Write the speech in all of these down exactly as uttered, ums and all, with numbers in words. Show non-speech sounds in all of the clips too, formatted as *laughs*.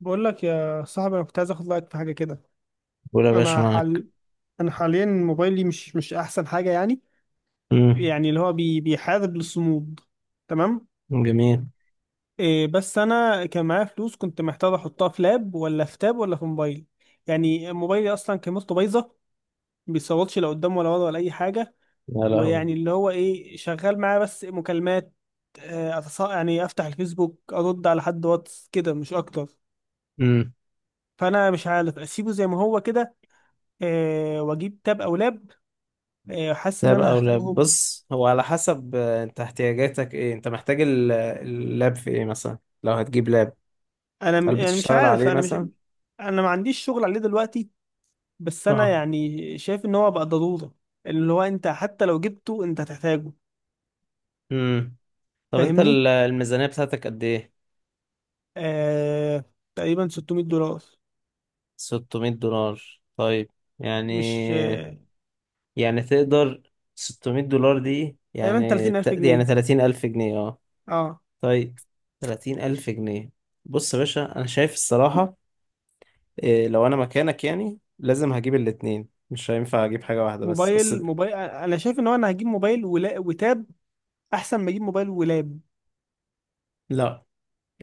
بقول لك يا صاحبي، انا كنت عايز اخد رايك في حاجه كده. قول يا باشا، انا معاك. حال انا حاليا موبايلي مش مش احسن حاجه يعني. امم. يعني اللي هو بي... بيحارب للصمود. تمام. جميل. إيه، بس انا كان معايا فلوس كنت محتاج احطها في لاب ولا في تاب ولا في موبايل. يعني موبايلي اصلا كاميرته بايظه، ما بيصورش لا قدام ولا ورا ولا اي حاجه. يا لهوي. ويعني اللي هو ايه، شغال معايا بس مكالمات. آه، أتص... يعني افتح الفيسبوك ارد على حد واتس كده مش اكتر. امم. فانا مش عارف اسيبه زي ما هو كده. آه، واجيب تاب او لاب. إيه، حاسس ان لاب انا او لاب، هحتاجهم. بص هو على حسب، آه، انت احتياجاتك ايه؟ انت محتاج ال- اللاب في ايه مثلا لو هتجيب لاب؟ انا م- هل يعني مش بتشتغل عارف عليه انا مش مثلا؟ انا ما عنديش شغل عليه دلوقتي، بس انا اه. يعني شايف ان هو بقى ضرورة. اللي هو انت حتى لو جبته انت هتحتاجه، امم. طب انت فاهمني. ال- الميزانية بتاعتك قد ايه؟ آه... تقريبا ستمية دولار. ستمائة دولار، طيب. يعني. مش آه... يعني تقدر. ستمائة دولار دي تقريبا يعني 30000 ت- يعني جنيه تلاتين ألف جنيه، اه؟ اه. طيب. تلاتين ألف جنيه. بص يا باشا، أنا شايف الصراحة، إيه، لو انا مكانك يعني لازم هجيب الاتنين، مش هينفع اجيب حاجة واحدة بس، موبايل اصل. موبايل، انا شايف ان هو انا هجيب موبايل ولا... وتاب، احسن ما اجيب موبايل ولاب. لا،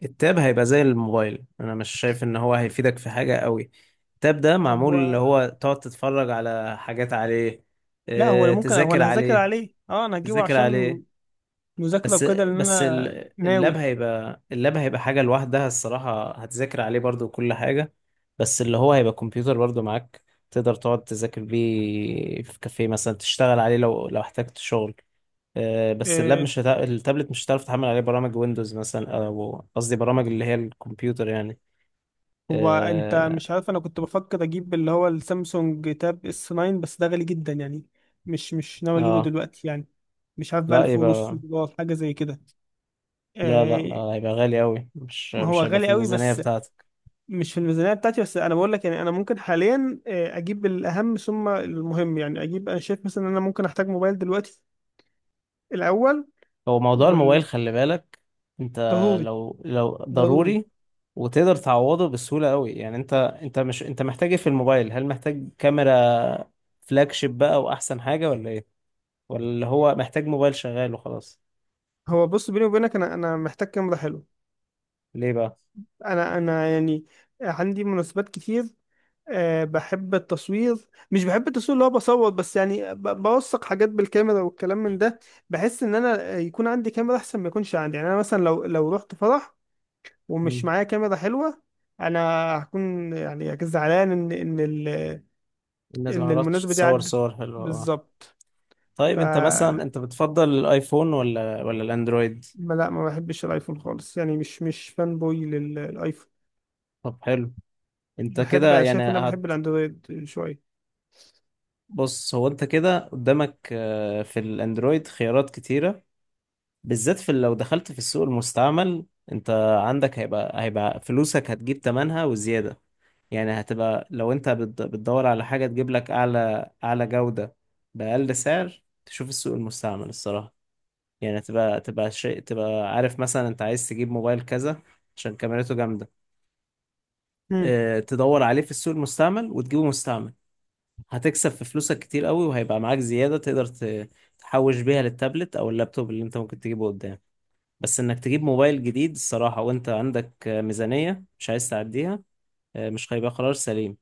التاب هيبقى زي الموبايل. انا مش شايف ان هو هيفيدك في حاجة قوي. التاب ده معمول اللي هو هو تقعد تتفرج على حاجات عليه. لا، هو أنا إيه، ممكن، هو تذاكر انا هذاكر عليه؟ عليه، اه انا هجيبه تذاكر عليه؟ عشان مذاكرة بس وكده لان بس انا ال- اللاب ناوي. هيبقى، اللاب هيبقى حاجة لوحدها الصراحة، هتذاكر عليه برضو كل حاجة، بس اللي هو هيبقى كمبيوتر برضو معاك. تقدر تقعد تذاكر بيه في كافيه مثلا، تشتغل عليه لو لو احتجت شغل. آه، بس اللاب آه، مش هتا... التابلت مش هتعرف تحمل عليه برامج ويندوز مثلا، او قصدي برامج اللي هي الكمبيوتر يعني. هو انت اه. مش عارف انا كنت بفكر اجيب اللي هو السامسونج تاب اس تسعة، بس ده غالي جدا يعني. مش مش ناوي اجيبه آه. دلوقتي يعني. مش عارف بقى لا ألف ونص يبقى. دولار حاجه زي كده. لا لا آه. ما- هيبقى غالي قوي، مش ما هو مش هيبقى في غالي قوي، الميزانية بس بتاعتك. مش في الميزانيه بتاعتي. بس انا بقول لك يعني، انا ممكن حاليا آه، اجيب الاهم ثم المهم. يعني اجيب، انا شايف مثلا ان انا ممكن احتاج موبايل دلوقتي الاول هو موضوع الموبايل والضروري. خلي بالك انت. لو لو ضروري. ضروري وتقدر تعوضه بسهولة قوي يعني انت، انت مش انت محتاج ايه في الموبايل؟ هل محتاج كاميرا فلاج شيب بقى واحسن حاجة، ولا ايه؟ ولا اللي هو محتاج موبايل شغال وخلاص؟ هو بص، بيني وبينك انا انا محتاج كاميرا حلوه. ليه بقى؟ انا انا يعني عندي مناسبات كتير. أه بحب التصوير، مش بحب التصوير اللي هو بصور بس، يعني ب- بوثق حاجات بالكاميرا والكلام من ده. بحس ان انا يكون عندي كاميرا احسن ما يكونش عندي. يعني انا مثلا لو لو رحت فرح ومش معايا كاميرا حلوة، انا هكون يعني زعلان ان ان ال- الناس ما ان عرفتش المناسبة دي تصور عدت. صور حلوة، اه. بالظبط. ف طيب انت مثلا انت بتفضل الايفون ولا ولا الاندرويد؟ ما- لا، ما بحبش الايفون خالص، يعني مش مش فان بوي للايفون. طب حلو. انت كده بحب يعني شايف ان انا هت. بحب الاندرويد شوية. بص هو انت كده قدامك آه، في الاندرويد خيارات كتيرة، بالذات في لو دخلت في السوق المستعمل. انت عندك، هيبقى هيبقى فلوسك هتجيب تمنها وزيادة. يعني هتبقى لو انت بت- بتدور على حاجة تجيب لك اعلى اعلى جودة بأقل سعر، تشوف السوق المستعمل الصراحة. يعني تبقى تبقى شيء تبقى عارف مثلا انت عايز تجيب موبايل كذا عشان كاميرته جامدة. مم. اه، تدور عليه في السوق المستعمل وتجيبه مستعمل. هتكسب في فلوسك كتير قوي، وهيبقى معاك زيادة تقدر ت- تحوش بيها للتابلت او اللابتوب اللي انت ممكن تجيبه قدام. بس انك تجيب موبايل جديد الصراحة، وانت عندك آه، ميزانية مش عايز تعديها، آه، مش هيبقى قرار سليم،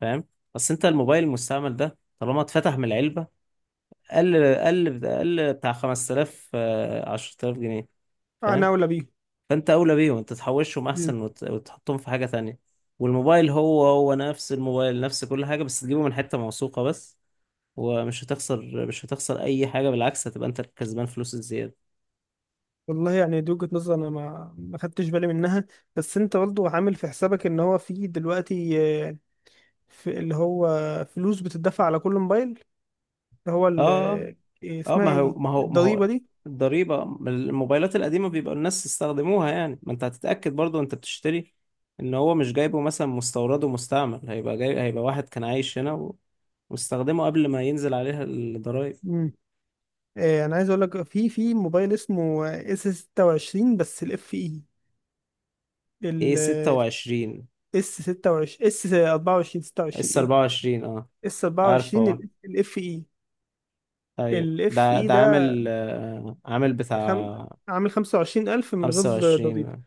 فاهم؟ بس انت الموبايل المستعمل ده طالما اتفتح من العلبة، قل قل قل بتاع خمسة آلاف آه، عشرتلاف جنيه. انا فاهم؟ اولى بيه. فانت اولى بيهم. انت تحوشهم احسن وت... وتحطهم في حاجه تانية. والموبايل هو هو نفس الموبايل، نفس كل حاجه، بس تجيبه من حته موثوقه بس. ومش هتخسر، مش هتخسر اي حاجه، بالعكس هتبقى انت الكسبان فلوس الزياده. والله يعني دي وجهة نظر انا ما ما خدتش بالي منها. بس انت برضه عامل في حسابك ان هو في دلوقتي، آه، في اللي هو فلوس بتدفع على كل موبايل، اللي هو ال- اه. آه، اه، اسمها ايه ما هو دي، ما هو ما الضريبة هو دي. الضريبه. الموبايلات القديمه بيبقى الناس استخدموها، يعني ما انت هتتاكد برضو انت بتشتري ان هو مش جايبه مثلا مستورد ومستعمل، هيبقى جاي هيبقى واحد كان عايش هنا و... واستخدمه قبل ما ينزل عليها الضرايب. مم. آه، انا عايز اقول لك في في موبايل اسمه اس ستة وعشرين بس الاف اي. ايه ال ستة وعشرين؟ اس ستة وعشرين، اس اربعة وعشرين، ستة وعشرين اس اي. اربعة وعشرين، اه، اس عارفه اربعة وعشرين اه. الاف اي. ايوه الاف ده اي ده ده عامل آه، عامل خم... بتاع عامل خمسة وعشرين الف من غير ضريبة، خمسة وعشرين.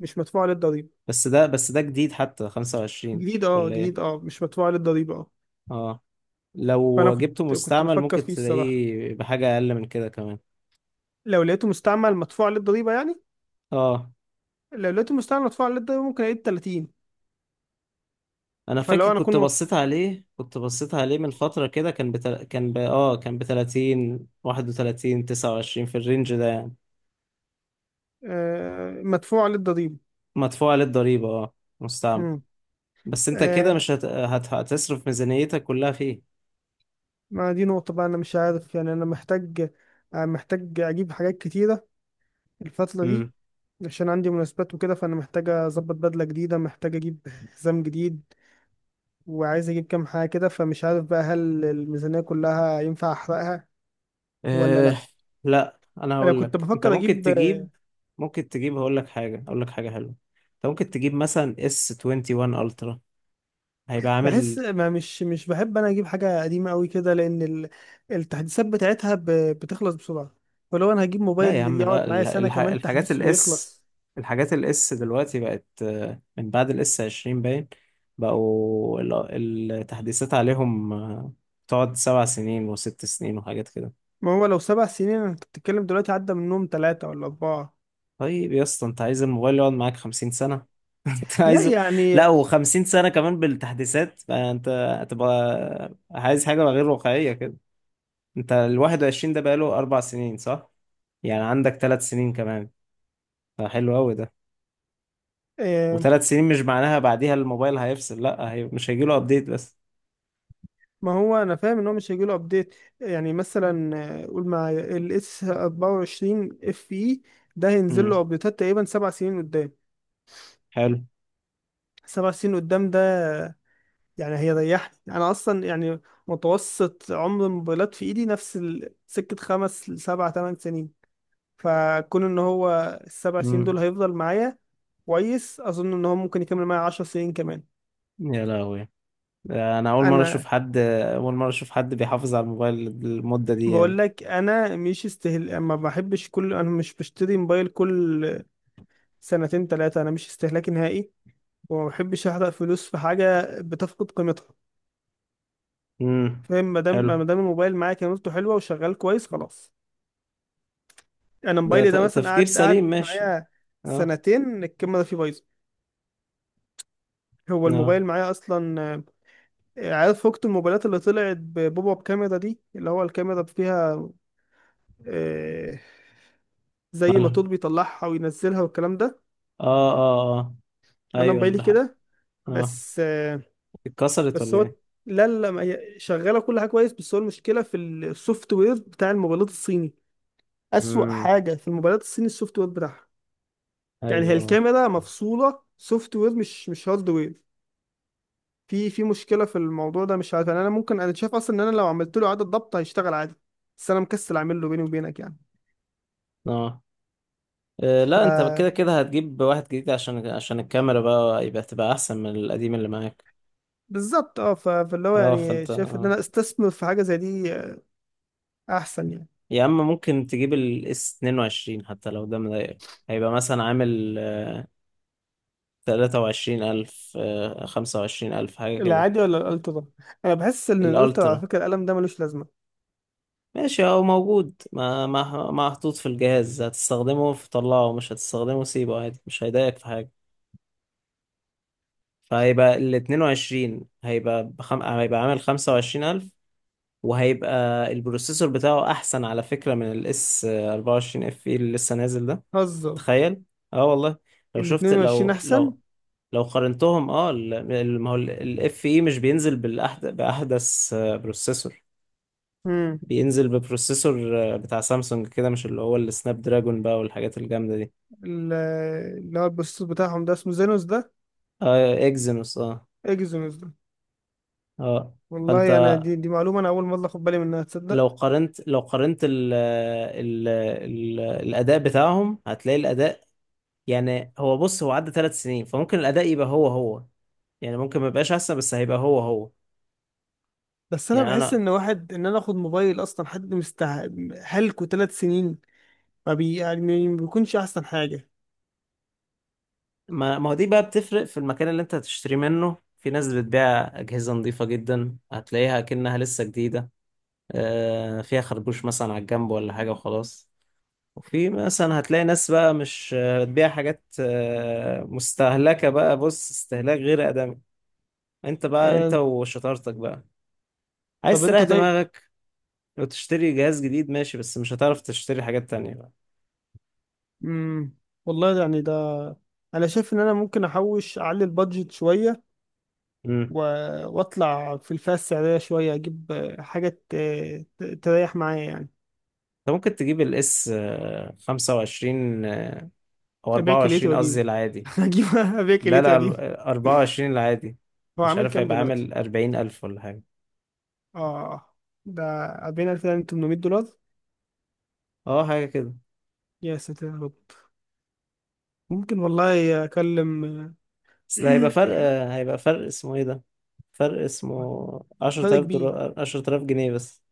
مش مدفوع عليه الضريبة. بس ده بس ده جديد حتى، خمسة وعشرين جديد، اه ولا جديد ايه؟ اه، مش مدفوع للضريبة اه. اه. فأنا لو جبته كنت كنت مستعمل بفكر ممكن فيه الصراحة. تلاقيه بحاجة اقل من كده كمان. لو لقيته مستعمل مدفوع للضريبة يعني، اه. لو لقيته مستعمل مدفوع للضريبة ممكن ألاقيه بتلاتين. انا فاكر فلو أنا كنت أكون وف... بصيت عليه كنت بصيت عليه من فترة كده، كان بتل... كان ب... اه، كان ب تلاتين، واحد وثلاثين، تسعة وعشرين، في الرينج ده يعني. آه مدفوع للضريبة. مدفوع عليه الضريبة اه، مستعمل. مم. بس انت كده آه مش هت... هت... هتصرف ميزانيتك كلها فيه. ما دي نقطة بقى، أنا مش عارف يعني. أنا محتاج، آه محتاج أجيب حاجات كتيرة الفترة دي، عشان عندي مناسبات وكده. فأنا محتاج أظبط بدلة جديدة، محتاج أجيب حزام جديد، وعايز أجيب كام حاجة كده. فمش عارف بقى هل الميزانية كلها ينفع أحرقها ولا أه. لأ. لا انا انا هقول كنت لك انت بفكر ممكن اجيب. تجيب. ممكن تجيب هقول لك حاجه، هقول لك حاجه حلوه. انت ممكن تجيب مثلا اس واحد وعشرين الترا، هيبقى عامل. بحس ما مش مش بحب انا اجيب حاجه قديمه قوي كده، لان ال- التحديثات بتاعتها ب- بتخلص بسرعه. فلو انا هجيب لا يا موبايل عم لا، يقعد معايا ال- سنه الح... كمان الحاجات تحديث الاس، ويخلص. الحاجات الاس دلوقتي بقت آه، من بعد الاس عشرين باين. بقوا ال- التحديثات عليهم آه، تقعد سبع سنين وست سنين وحاجات كده. ما هو لو سبع سنين، انا كنت بتتكلم دلوقتي عدى منهم ثلاثه ولا اربعه. طيب يا اسطى، انت عايز الموبايل يقعد معاك خمسين سنه؟ *laughs* انت لا عايزه لا يعني. و50 سنة كمان بالتحديثات، فانت هتبقى عايز حاجة غير واقعية كده. انت ال واحد وعشرين ده بقاله اربع سنين، صح؟ يعني عندك ثلاث سنين كمان، فحلو قوي ده. آه، وثلاث سنين مش معناها بعديها الموبايل هيفصل، لا، هي مش هيجيله ابديت بس. ما هو انا فاهم ان هو مش هيجيله ابديت. يعني مثلا آه، قول مع الاس اربعة وعشرين اف اي، ده هينزل له امم. ابديتات تقريبا سبع سنين قدام. حلو. سبع سنين قدام ده، يعني هي ريحت انا اصلا. يعني متوسط عمر الموبايلات في ايدي نفس ال- سكة خمس لسبع تمن سنين. فكون ان هو السبع سنين امم. دول هيفضل معايا، كويس. اظن ان هو ممكن يكمل معايا عشر سنين كمان. يا لهوي، ده انا اول مرة اشوف انا حد. اول مرة اشوف حد بيحافظ على الموبايل المدة دي بقول يعني. لك، انا مش استهل ما بحبش كل، انا مش بشتري موبايل كل سنتين ثلاثة. انا مش استهلاكي نهائي، وما بحبش احرق فلوس في حاجة بتفقد قيمتها. امم. فاهم؟ ما دام حلو. ما دام الموبايل معايا كاميرته حلوة وشغال كويس، خلاص. انا ده موبايلي ت- ده مثلا تفكير قعد سليم، قعد ماشي. معايا اه. سنتين، الكاميرا ده فيه بايظه. هو اه. الموبايل معايا اصلا آه، عارف فكت الموبايلات اللي طلعت ببوب اب كاميرا دي، اللي هو الكاميرا فيها آه، زي مالها. موتور بيطلعها وينزلها والكلام ده. اه اه اه. انا ايوه موبايلي اللي ح- كده، اه. بس آه، اتكسرت بس ولا هو، ايه؟ لا لا، ما هي شغاله كل حاجه كويس، بس هو المشكله في السوفت وير بتاع الموبايلات الصيني. اسوأ امم. حاجه في الموبايلات الصيني السوفت وير بتاعها. يعني هي ايوه اه. الكاميرا مفصوله سوفت وير، مش مش هارد وير. في في مشكلة في الموضوع ده، مش عارف يعني. انا ممكن، انا شايف اصلا ان انا لو عملت له اعادة ضبط هيشتغل عادي، بس انا مكسل اعمل له، بيني وبينك يعني. آه، آه، ف لا انت كده كده هتجيب واحد جديد، عشان عشان الكاميرا بقى يبقى تبقى احسن من القديم اللي معاك. بالظبط، اه. ف- فاللي هو اه يعني فانت شايف ان آه. انا استثمر في حاجة زي دي آه، احسن يعني. يا اما ممكن تجيب الاس اتنين وعشرين حتى لو، ده مضايقك هيبقى مثلا عامل تلاتة وعشرين ألف آه، خمسة وعشرين ألف حاجة كده. العادي ولا الالترا؟ انا بحس ان الالترا، على الألترا، فكرة القلم ده ملوش لازمة. ماشي هو موجود، ما ما ما محطوط في الجهاز، هتستخدمه في طلعه، مش هتستخدمه سيبه عادي، مش هيضايقك في حاجة. فهيبقى ال اتنين وعشرين هيبقى بخم... هيبقى عامل خمسة وعشرين ألف، وهيبقى البروسيسور بتاعه احسن على فكرة من الاس اربعة وعشرين اف اي اللي لسه نازل ده. هزر. تخيل. اه والله. لو ال شفت، اثنين وعشرين لو احسن. لو لو قارنتهم، اه، ال- ال- ما هو الاف اي مش بينزل بالأحد... باحدث آه، بروسيسور. امم. بينزل ببروسيسور آه، بتاع سامسونج كده، مش اللي هو السناب دراجون بقى والحاجات الجامدة دي. ال- اللي هو البروسيسور بتاعهم ده اسمه زينوس ده. اه اكزينوس اه. اكزينوس ده. اه فانت والله انا دي دي معلومة انا اول مرة اخد بالي منها، تصدق؟ لو قارنت لو قارنت ال ال ال الأداء بتاعهم، هتلاقي الأداء، يعني هو بص هو عدى ثلاث سنين، فممكن الأداء يبقى هو هو، يعني ممكن ما يبقاش أحسن بس هيبقى هو هو. بس انا يعني بحس أنا ان واحد ان انا اخد موبايل اصلا حد مستع هلكه ثلاث سنين، ما بي يعني ما بيكونش احسن حاجه. ما, ما هو دي بقى بتفرق في المكان اللي أنت هتشتري منه. في ناس بتبيع أجهزة نظيفة جدا، هتلاقيها كأنها لسه جديدة، آه، فيها خربوش مثلا على الجنب ولا حاجة وخلاص. وفي مثلا هتلاقي ناس بقى مش آه، بتبيع حاجات آه، مستهلكة بقى، بص استهلاك غير آدمي. انت بقى، انت آه. وشطارتك بقى، طب عايز تريح انت طيب. دماغك لو تشتري جهاز جديد ماشي، بس مش هتعرف تشتري حاجات تانية بقى. مم. والله يعني ده، انا شايف ان انا ممكن احوش اعلي البادجت شويه امم. و... واطلع في الفئه السعريه شويه، اجيب آه، حاجه ت... ت- تريح معايا يعني. انت ممكن تجيب الاس خمسة وعشرين آه، او ابيع كليتي اربعة وعشرين، قصدي واجيبه. العادي. *laughs* اجيب ابيع لا كليتي لا ال- واجيبه. اربعة وعشرين العادي. هو مش عامل عارف كام هيبقى دلوقتي؟ عامل اربعين ألف ولا حاجة. اه. آه، ده اربعين الف وتمنمية دولار. اه، حاجة كده. يا ساتر يا رب. ممكن والله اكلم. بس ده هيبقى فرق آه، هيبقى فرق اسمه ايه ده، فرق اسمه فرق 10000 كبير. دولار عشرة آلاف جنيه بس.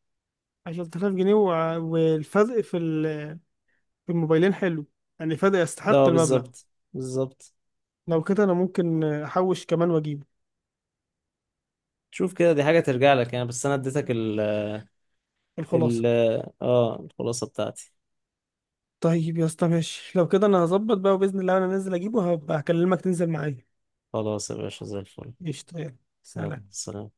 عشرة آلاف جنيه، وع- والفرق في ال- في الموبايلين حلو، يعني فرق يستحق اه المبلغ. بالظبط، بالظبط. لو كده أنا ممكن أحوش كمان وأجيبه. شوف كده، دي حاجة ترجع لك يعني. بس انا اديتك الخلاصة. ال اه الخلاصة بتاعتي. طيب يا اسطى، ماشي. لو كده أنا هظبط بقى، وبإذن الله أنا نازل أجيبه هبقى أكلمك تنزل معايا. خلاص يا باشا زي الفل. قشطة، يلا. يلا سلام. سلام.